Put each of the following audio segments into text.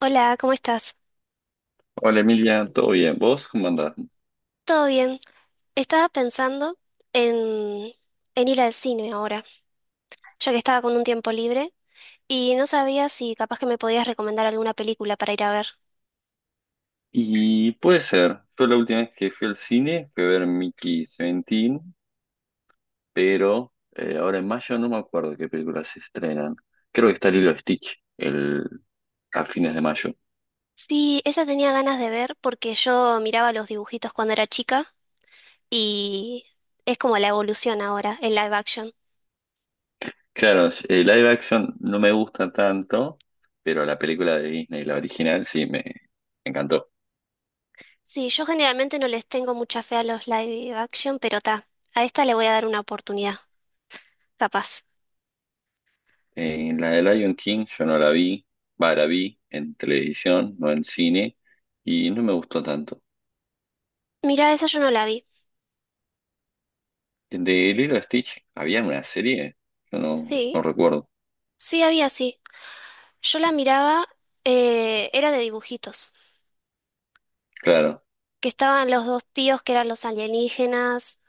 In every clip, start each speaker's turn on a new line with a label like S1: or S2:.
S1: Hola, ¿cómo estás?
S2: Hola Emilia, ¿todo bien? ¿Vos cómo andás?
S1: ¿Todo bien? Estaba pensando en, en ir al cine ahora, ya que estaba con un tiempo libre y no sabía si capaz que me podías recomendar alguna película para ir a ver.
S2: Y puede ser, yo la última vez que fui al cine fui a ver Mickey 17, pero ahora en mayo no me acuerdo qué películas se estrenan. Creo que está Lilo Stitch el, a fines de mayo.
S1: Sí, esa tenía ganas de ver porque yo miraba los dibujitos cuando era chica y es como la evolución ahora, el live action.
S2: Claro, el live action no me gusta tanto, pero la película de Disney, la original, sí, me encantó.
S1: Sí, yo generalmente no les tengo mucha fe a los live action, pero ta, a esta le voy a dar una oportunidad, capaz.
S2: La de Lion King yo no la vi, va, la vi en televisión, no en cine, y no me gustó tanto.
S1: Mira, esa yo no la vi.
S2: De Lilo y Stitch, ¿había una serie? Yo no, no
S1: Sí,
S2: recuerdo.
S1: sí había, sí. Yo la miraba, era de dibujitos,
S2: Claro.
S1: que estaban los dos tíos que eran los alienígenas,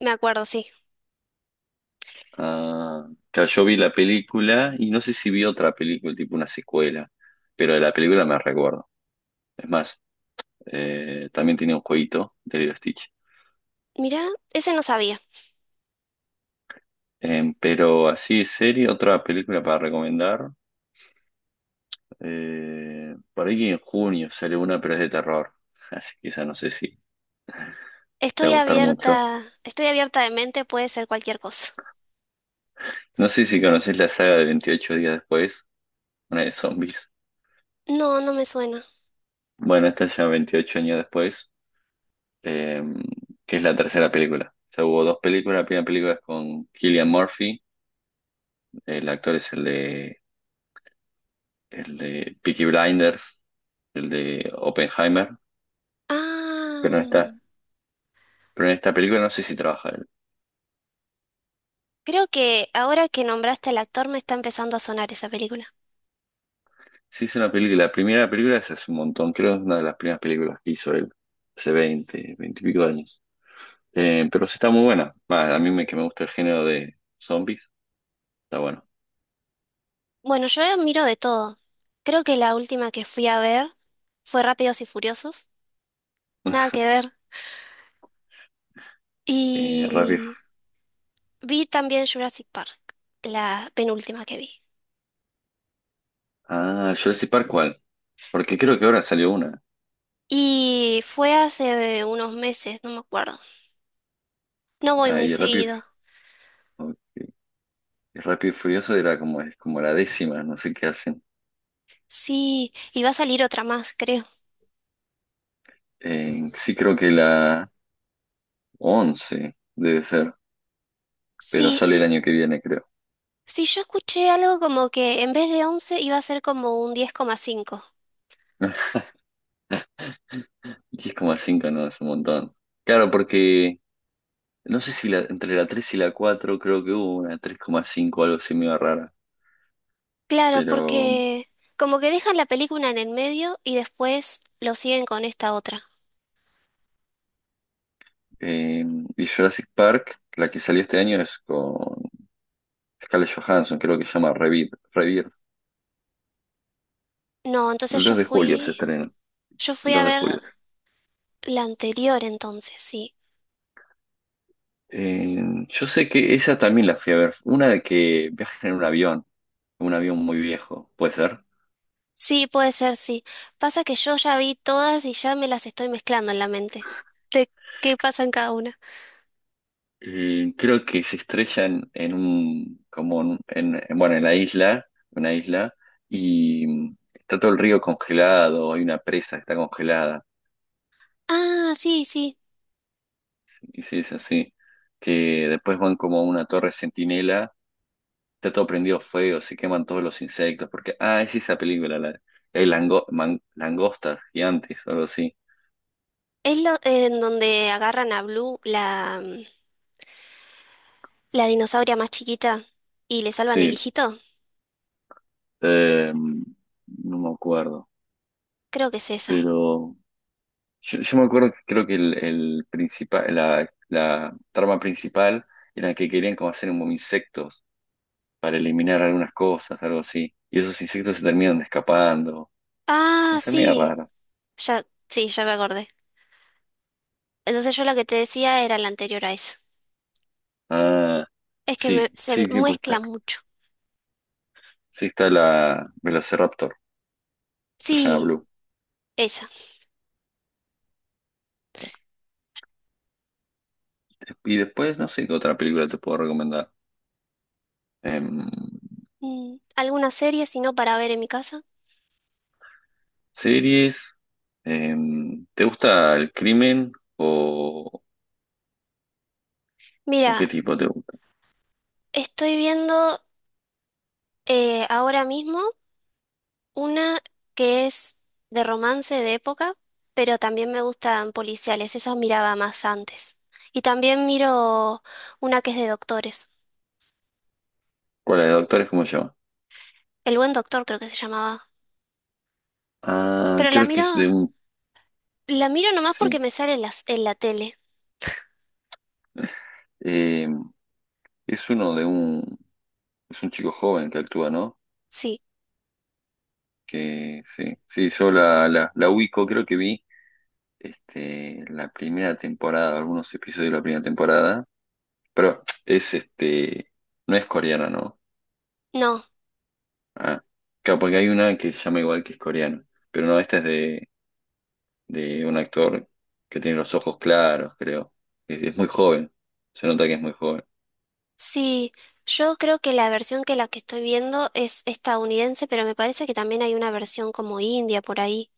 S1: me acuerdo, sí.
S2: Ah, claro, yo vi la película y no sé si vi otra película, tipo una secuela, pero de la película me recuerdo. Es más, también tenía un jueguito de Lilo y Stitch.
S1: Mirá, ese no sabía.
S2: Pero así de serie, otra película para recomendar. Por ahí que en junio sale una, pero es de terror. Así que esa no sé si te va a gustar mucho.
S1: Estoy abierta de mente, puede ser cualquier cosa.
S2: No sé si conoces la saga de 28 días después, una de zombies.
S1: No, no me suena.
S2: Bueno, esta ya 28 años después, eh, que es la tercera película. O sea, hubo dos películas. La primera película es con Cillian Murphy, el actor es el de Peaky Blinders, el de Oppenheimer, pero en
S1: Ah,
S2: esta, pero en esta película no sé si trabaja él.
S1: creo que ahora que nombraste al actor me está empezando a sonar esa película.
S2: Sí es una película, la primera película es hace un montón, creo que es una de las primeras películas que hizo él, hace 20, 20 y pico de años. Pero sí está muy buena. Va, a mí me, que me gusta el género de zombies, está bueno.
S1: Bueno, yo miro de todo. Creo que la última que fui a ver fue Rápidos y Furiosos. Nada que ver.
S2: Rápido.
S1: Y vi también Jurassic Park, la penúltima que vi.
S2: Ah, Jurassic Park, ¿cuál? Porque creo que ahora salió una.
S1: Y fue hace unos meses, no me acuerdo. No voy
S2: Ah,
S1: muy
S2: y Rápido,
S1: seguido.
S2: Fu- y Rápido y Furioso era como, es como la décima, no sé qué hacen.
S1: Sí, y va a salir otra más, creo.
S2: Sí, creo que la once debe ser, pero
S1: Sí,
S2: sale el año que viene, creo.
S1: sí, yo escuché algo como que en vez de 11 iba a ser como un 10,5.
S2: Y es como a cinco, ¿no? Es un montón. Claro, porque no sé si la, entre la 3 y la 4 creo que hubo una 3,5 o algo así medio rara.
S1: Claro,
S2: Pero,
S1: porque como que dejan la película en el medio y después lo siguen con esta otra.
S2: eh, y Jurassic Park, la que salió este año es con Scarlett Johansson, creo que se llama Rebirth.
S1: No,
S2: El
S1: entonces
S2: 2 de julio se estrena.
S1: yo
S2: El
S1: fui a
S2: 2 de
S1: ver
S2: julio.
S1: la anterior entonces, sí.
S2: Eh, yo sé que esa también la fui a ver, una de que viajan en un avión muy viejo, puede ser.
S1: Sí, puede ser, sí. Pasa que yo ya vi todas y ya me las estoy mezclando en la mente. ¿De qué pasa en cada una?
S2: Creo que se estrellan en un, como en, bueno, en la isla, una isla, y está todo el río congelado, hay una presa que está congelada,
S1: Ah, sí, sí.
S2: y sí, es así, que después van como a una torre centinela, está todo prendido fuego, se queman todos los insectos, porque, ah, es esa película, la, hay langostas gigantes, o algo así.
S1: Es lo en donde agarran a Blue, la dinosauria más chiquita, y le salvan el
S2: Sí.
S1: hijito.
S2: Eh, no me acuerdo,
S1: Creo que es esa.
S2: pero yo me acuerdo que creo que la trama principal era que querían como hacer como insectos para eliminar algunas cosas, algo así. Y esos insectos se terminan escapando.
S1: Ah,
S2: No sé, mira
S1: sí.
S2: raro.
S1: Ya, sí, ya me acordé. Entonces yo la que te decía era la anterior a esa.
S2: Ah,
S1: Es que
S2: sí,
S1: me- se
S2: sí, sí, pues está.
S1: mezcla mucho.
S2: Sí, está la Velociraptor, que se llama
S1: Sí,
S2: Blue.
S1: esa.
S2: Y después, no sé qué otra película te puedo recomendar. Em,
S1: ¿Alguna serie si no para ver en mi casa?
S2: Series. ¿Te gusta el crimen? o ¿O
S1: Mira,
S2: qué tipo te gusta?
S1: estoy viendo. Ahora mismo, una que es de romance de época, pero también me gustan policiales, esas miraba más antes. Y también miro una que es de doctores.
S2: ¿Cuál es? ¿De ¿Doctores como yo?
S1: El buen doctor creo que se llamaba.
S2: Ah,
S1: Pero
S2: creo que es de un...
S1: la miro nomás porque
S2: Sí.
S1: me sale en en la tele.
S2: Eh, es uno de un... Es un chico joven que actúa, ¿no?
S1: Sí,
S2: Que sí. Sí, yo la ubico, creo que vi este, la primera temporada, algunos episodios de la primera temporada. Pero es este... No es coreana, ¿no?
S1: no,
S2: Ah, claro, porque hay una que se llama igual que es coreana. Pero no, esta es de un actor que tiene los ojos claros, creo. Es muy joven. Se nota que es muy joven.
S1: sí, yo creo que la versión que la que estoy viendo es estadounidense, pero me parece que también hay una versión como india por ahí.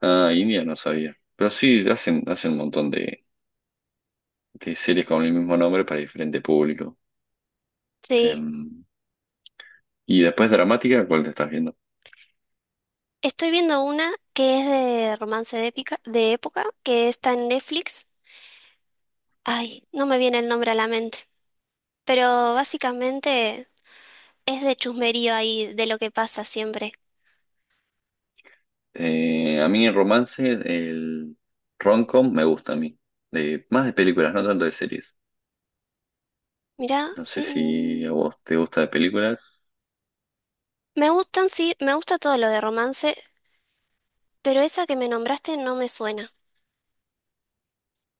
S2: Ah, India no sabía. Pero sí, hacen un montón de series con el mismo nombre para diferente público.
S1: Sí.
S2: Em, y después dramática, ¿cuál te estás viendo?
S1: Estoy viendo una que es de romance de épica, de época, que está en Netflix. Ay, no me viene el nombre a la mente. Pero básicamente es de chusmerío ahí, de lo que pasa siempre.
S2: A mí el romance, el rom-com me gusta a mí. Más de películas, no tanto de series.
S1: Mirá,
S2: No sé si a vos te gusta de películas.
S1: me gustan, sí, me gusta todo lo de romance, pero esa que me nombraste no me suena.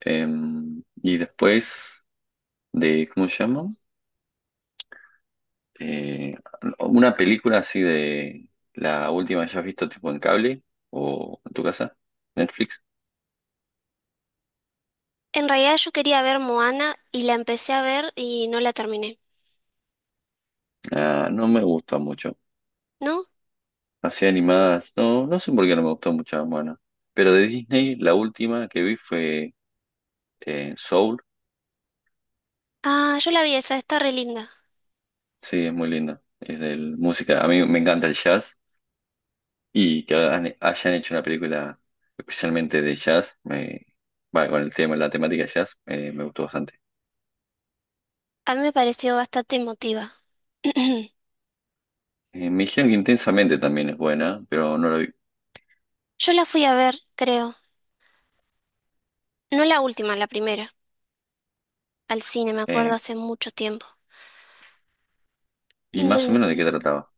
S2: Y después de, ¿cómo se llama? Eh, una película así de la última que hayas visto tipo en cable o en tu casa, Netflix.
S1: En realidad yo quería ver Moana y la empecé a ver y no la terminé.
S2: Ah, no me gusta mucho.
S1: ¿No?
S2: Así animadas, no, no sé por qué no me gustó mucho, bueno. Pero de Disney, la última que vi fue Soul.
S1: Ah, yo la vi esa, está re linda.
S2: Sí, es muy linda. Es de música. A mí me encanta el jazz y que hayan hecho una película especialmente de jazz, va, con el tema, la temática jazz, me gustó bastante.
S1: A mí me pareció bastante emotiva.
S2: Me dijeron que Intensamente también es buena, pero no la vi.
S1: Yo la fui a ver, creo. No la última, la primera. Al cine, me acuerdo
S2: Eh,
S1: hace mucho tiempo.
S2: y más o menos de qué
S1: De,
S2: trataba.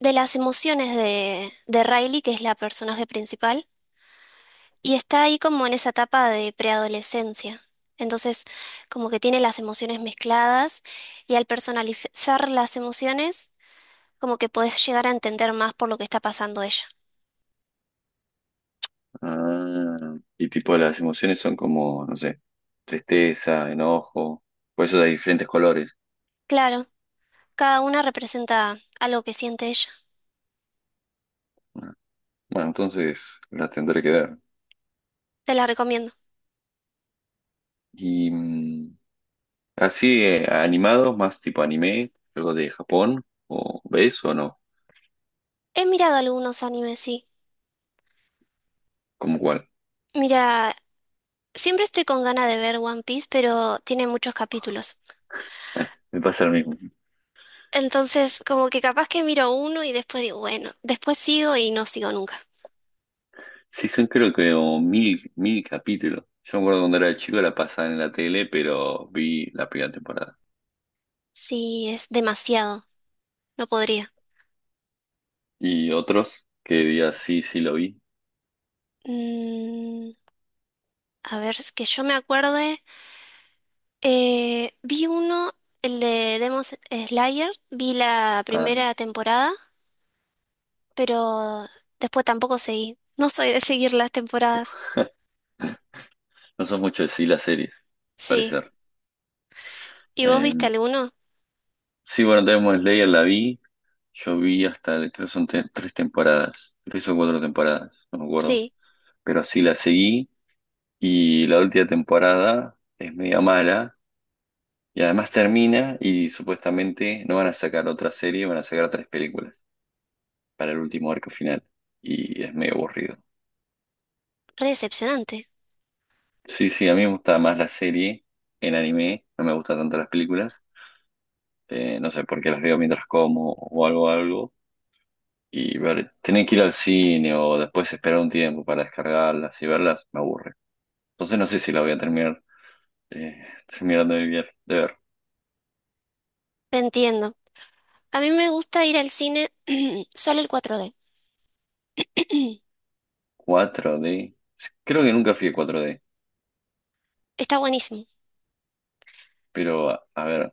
S1: de las emociones de Riley, que es la personaje principal, y está ahí como en esa etapa de preadolescencia. Entonces, como que tiene las emociones mezcladas y al personalizar las emociones, como que podés llegar a entender más por lo que está pasando ella.
S2: Ah, y tipo las emociones son como, no sé, tristeza, enojo, por eso hay diferentes colores.
S1: Claro, cada una representa algo que siente ella.
S2: Ah, bueno, entonces las tendré que ver.
S1: Te la recomiendo.
S2: Y así animados, más tipo anime, algo de Japón, o ves o no,
S1: He mirado algunos animes, sí.
S2: como cuál.
S1: Mira, siempre estoy con ganas de ver One Piece, pero tiene muchos capítulos.
S2: Me pasa lo mismo.
S1: Entonces, como que capaz que miro uno y después digo, bueno, después sigo y no sigo nunca.
S2: Sí, son creo que como mil, mil capítulos. Yo me acuerdo cuando era chico la pasaban en la tele, pero vi la primera temporada.
S1: Sí, es demasiado, no podría.
S2: Y otros que digas sí, sí lo vi.
S1: Mm, a ver, es que yo me acuerde, vi uno, el de Demon Slayer, vi la
S2: Ah.
S1: primera temporada, pero después tampoco seguí. No soy de seguir las temporadas.
S2: No sos mucho de sí las series, al
S1: Sí.
S2: parecer.
S1: ¿Y vos
S2: Eh,
S1: viste alguno?
S2: sí, bueno, Demon Slayer la vi. Yo vi hasta, creo que son tres temporadas, tres o cuatro temporadas, no me acuerdo.
S1: Sí,
S2: Pero sí la seguí y la última temporada es media mala. Y además termina y supuestamente no van a sacar otra serie, van a sacar tres películas para el último arco final. Y es medio aburrido.
S1: re decepcionante.
S2: Sí, sí, a mí me gusta más la serie en anime, no me gustan tanto las películas. No sé por qué las veo mientras como o algo, algo. Y tener que ir al cine o después esperar un tiempo para descargarlas y verlas me aburre. Entonces no sé si la voy a terminar terminando de ver, de ver.
S1: Te entiendo. A mí me gusta ir al cine solo el 4D.
S2: 4D. Creo que nunca fui a 4D,
S1: Está buenísimo.
S2: pero a ver,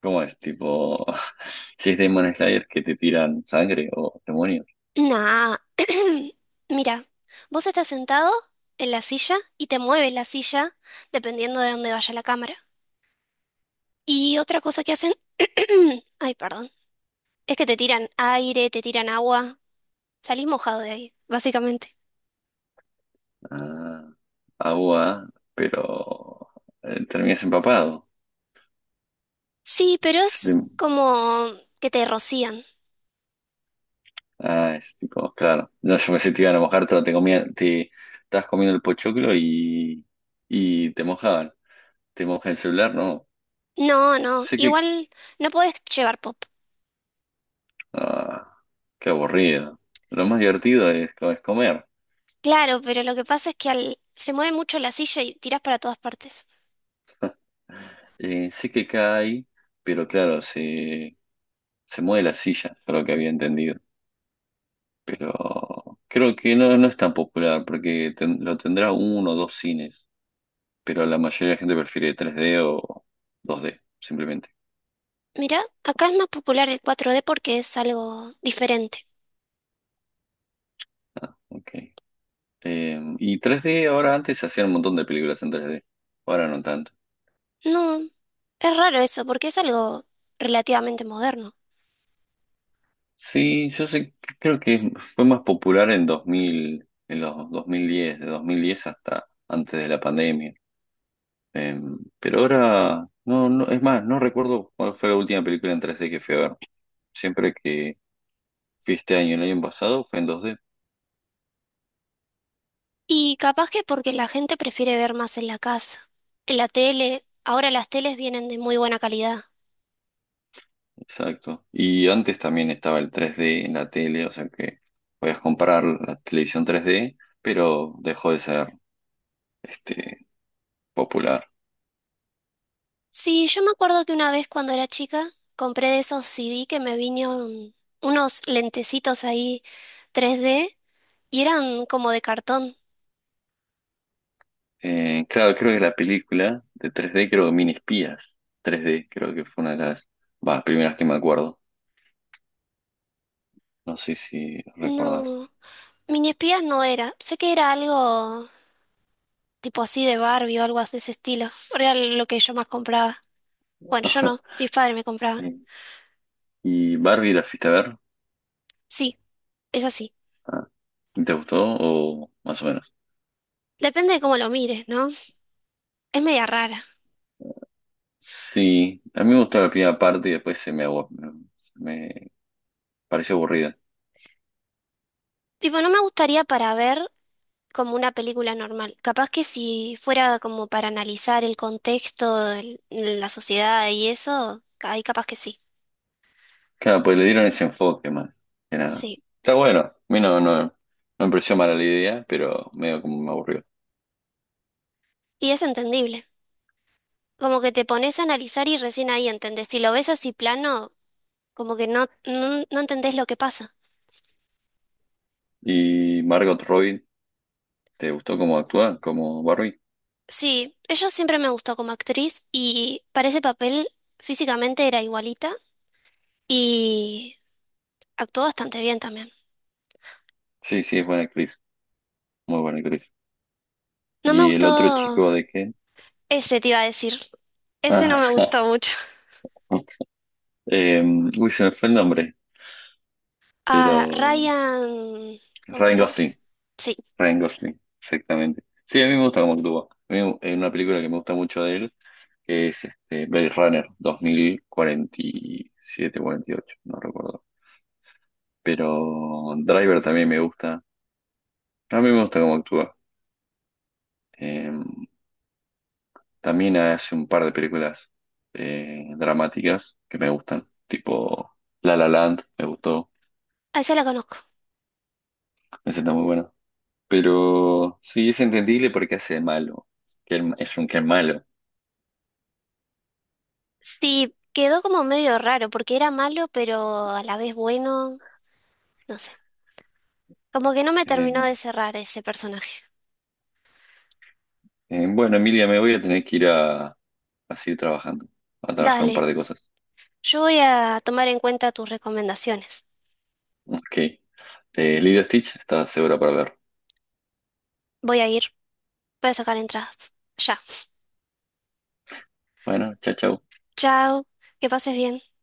S2: ¿cómo es? Tipo, si es Demon Slayer que te tiran sangre o demonios.
S1: Nah. Mira, vos estás sentado en la silla y te mueves la silla dependiendo de dónde vaya la cámara. Y otra cosa que hacen, ay, perdón, es que te tiran aire, te tiran agua. Salís mojado de ahí, básicamente.
S2: Ah, agua, pero terminas empapado.
S1: Sí, pero es como que te rocían.
S2: Ah, es tipo, claro. No, yo pensé que te iban a mojar, pero te comía, te estabas comiendo el pochoclo y te mojaban. Te moja el celular, no.
S1: No, no,
S2: Sé que.
S1: igual no podés llevar pop.
S2: Ah, qué aburrido. Lo más divertido es, es comer.
S1: Claro, pero lo que pasa es que al- se mueve mucho la silla y tiras para todas partes.
S2: Sé que cae, pero claro, se mueve la silla, yo lo que había entendido. Pero creo que no, no es tan popular, porque lo tendrá uno o dos cines. Pero la mayoría de la gente prefiere 3D o 2D simplemente.
S1: Mira, acá es más popular el 4D porque es algo diferente.
S2: Ah, ok. Y 3D, ahora antes se hacían un montón de películas en 3D, ahora no tanto.
S1: No, es raro eso porque es algo relativamente moderno.
S2: Sí, yo sé, creo que fue más popular en 2000, en los 2010, de 2010 hasta antes de la pandemia. Eh, pero ahora, no, no, es más, no recuerdo cuál fue la última película en 3D que fui a ver. Siempre que fui este año, el año pasado, fue en 2D,
S1: Y capaz que porque la gente prefiere ver más en la casa, en la tele. Ahora las teles vienen de muy buena calidad.
S2: exacto. Y antes también estaba el 3D en la tele, o sea que podías comprar la televisión 3D, pero dejó de ser este, popular.
S1: Sí, yo me acuerdo que una vez cuando era chica compré de esos CD que me vinieron unos lentecitos ahí 3D y eran como de cartón.
S2: Claro, creo que la película de 3D, creo que Mini Espías 3D, creo que fue una de las bah, primeras que me acuerdo. No sé si recordás.
S1: No, mini espías no era. Sé que era algo tipo así de Barbie o algo así de ese estilo. Era lo que yo más compraba. Bueno, yo no, mis padres me compraban.
S2: ¿Y Barbie la fuiste a ver?
S1: Sí, es así.
S2: Ah, ¿Te gustó o más o menos?
S1: Depende de cómo lo mires, ¿no? Es media rara.
S2: Sí, a mí me gustó la primera parte y después me pareció aburrida.
S1: Tipo, no me gustaría para ver como una película normal. Capaz que si fuera como para analizar el contexto, el- la sociedad y eso, ahí capaz que sí.
S2: Claro, pues le dieron ese enfoque más que nada.
S1: Sí.
S2: Está bueno, a mí no, no, no me pareció mala la idea, pero medio como me aburrió.
S1: Y es entendible. Como que te pones a analizar y recién ahí entendés. Si lo ves así plano, como que no, no, no entendés lo que pasa.
S2: ¿Y Margot Robbie, te gustó cómo actúa como Barbie?
S1: Sí, ella siempre me gustó como actriz y para ese papel físicamente era igualita y actuó bastante bien también.
S2: Sí, sí, es buena actriz, muy buena actriz.
S1: No me
S2: ¿Y el otro
S1: gustó
S2: chico de qué?
S1: ese, te iba a decir. Ese no
S2: Ah,
S1: me gustó mucho.
S2: eh, uy, se me fue el nombre,
S1: A
S2: pero
S1: Ryan, ¿cómo
S2: Ryan
S1: era?
S2: Gosling,
S1: Sí,
S2: Ryan Gosling, exactamente. Sí, a mí me gusta cómo actúa. A mí hay una película que me gusta mucho de él, que es este, Blade Runner 2047, 48, no recuerdo. Pero Driver también me gusta. A mí me gusta cómo actúa. Em, También hace un par de películas dramáticas que me gustan, tipo La La Land, me gustó,
S1: a ese la conozco.
S2: me siento muy bueno. Pero sí, es entendible porque hace de malo, que es un que es malo.
S1: Sí, quedó como medio raro porque era malo pero a la vez bueno. No sé. Como que no me
S2: Eh,
S1: terminó de cerrar ese personaje.
S2: bueno, Emilia, me voy a tener que ir a seguir trabajando, a trabajar un par
S1: Dale,
S2: de cosas.
S1: yo voy a tomar en cuenta tus recomendaciones.
S2: Ok, Lilo Stitch está segura para ver.
S1: Voy a ir, voy a sacar entradas. Ya.
S2: Bueno, chao, chao.
S1: Chao, que pases bien.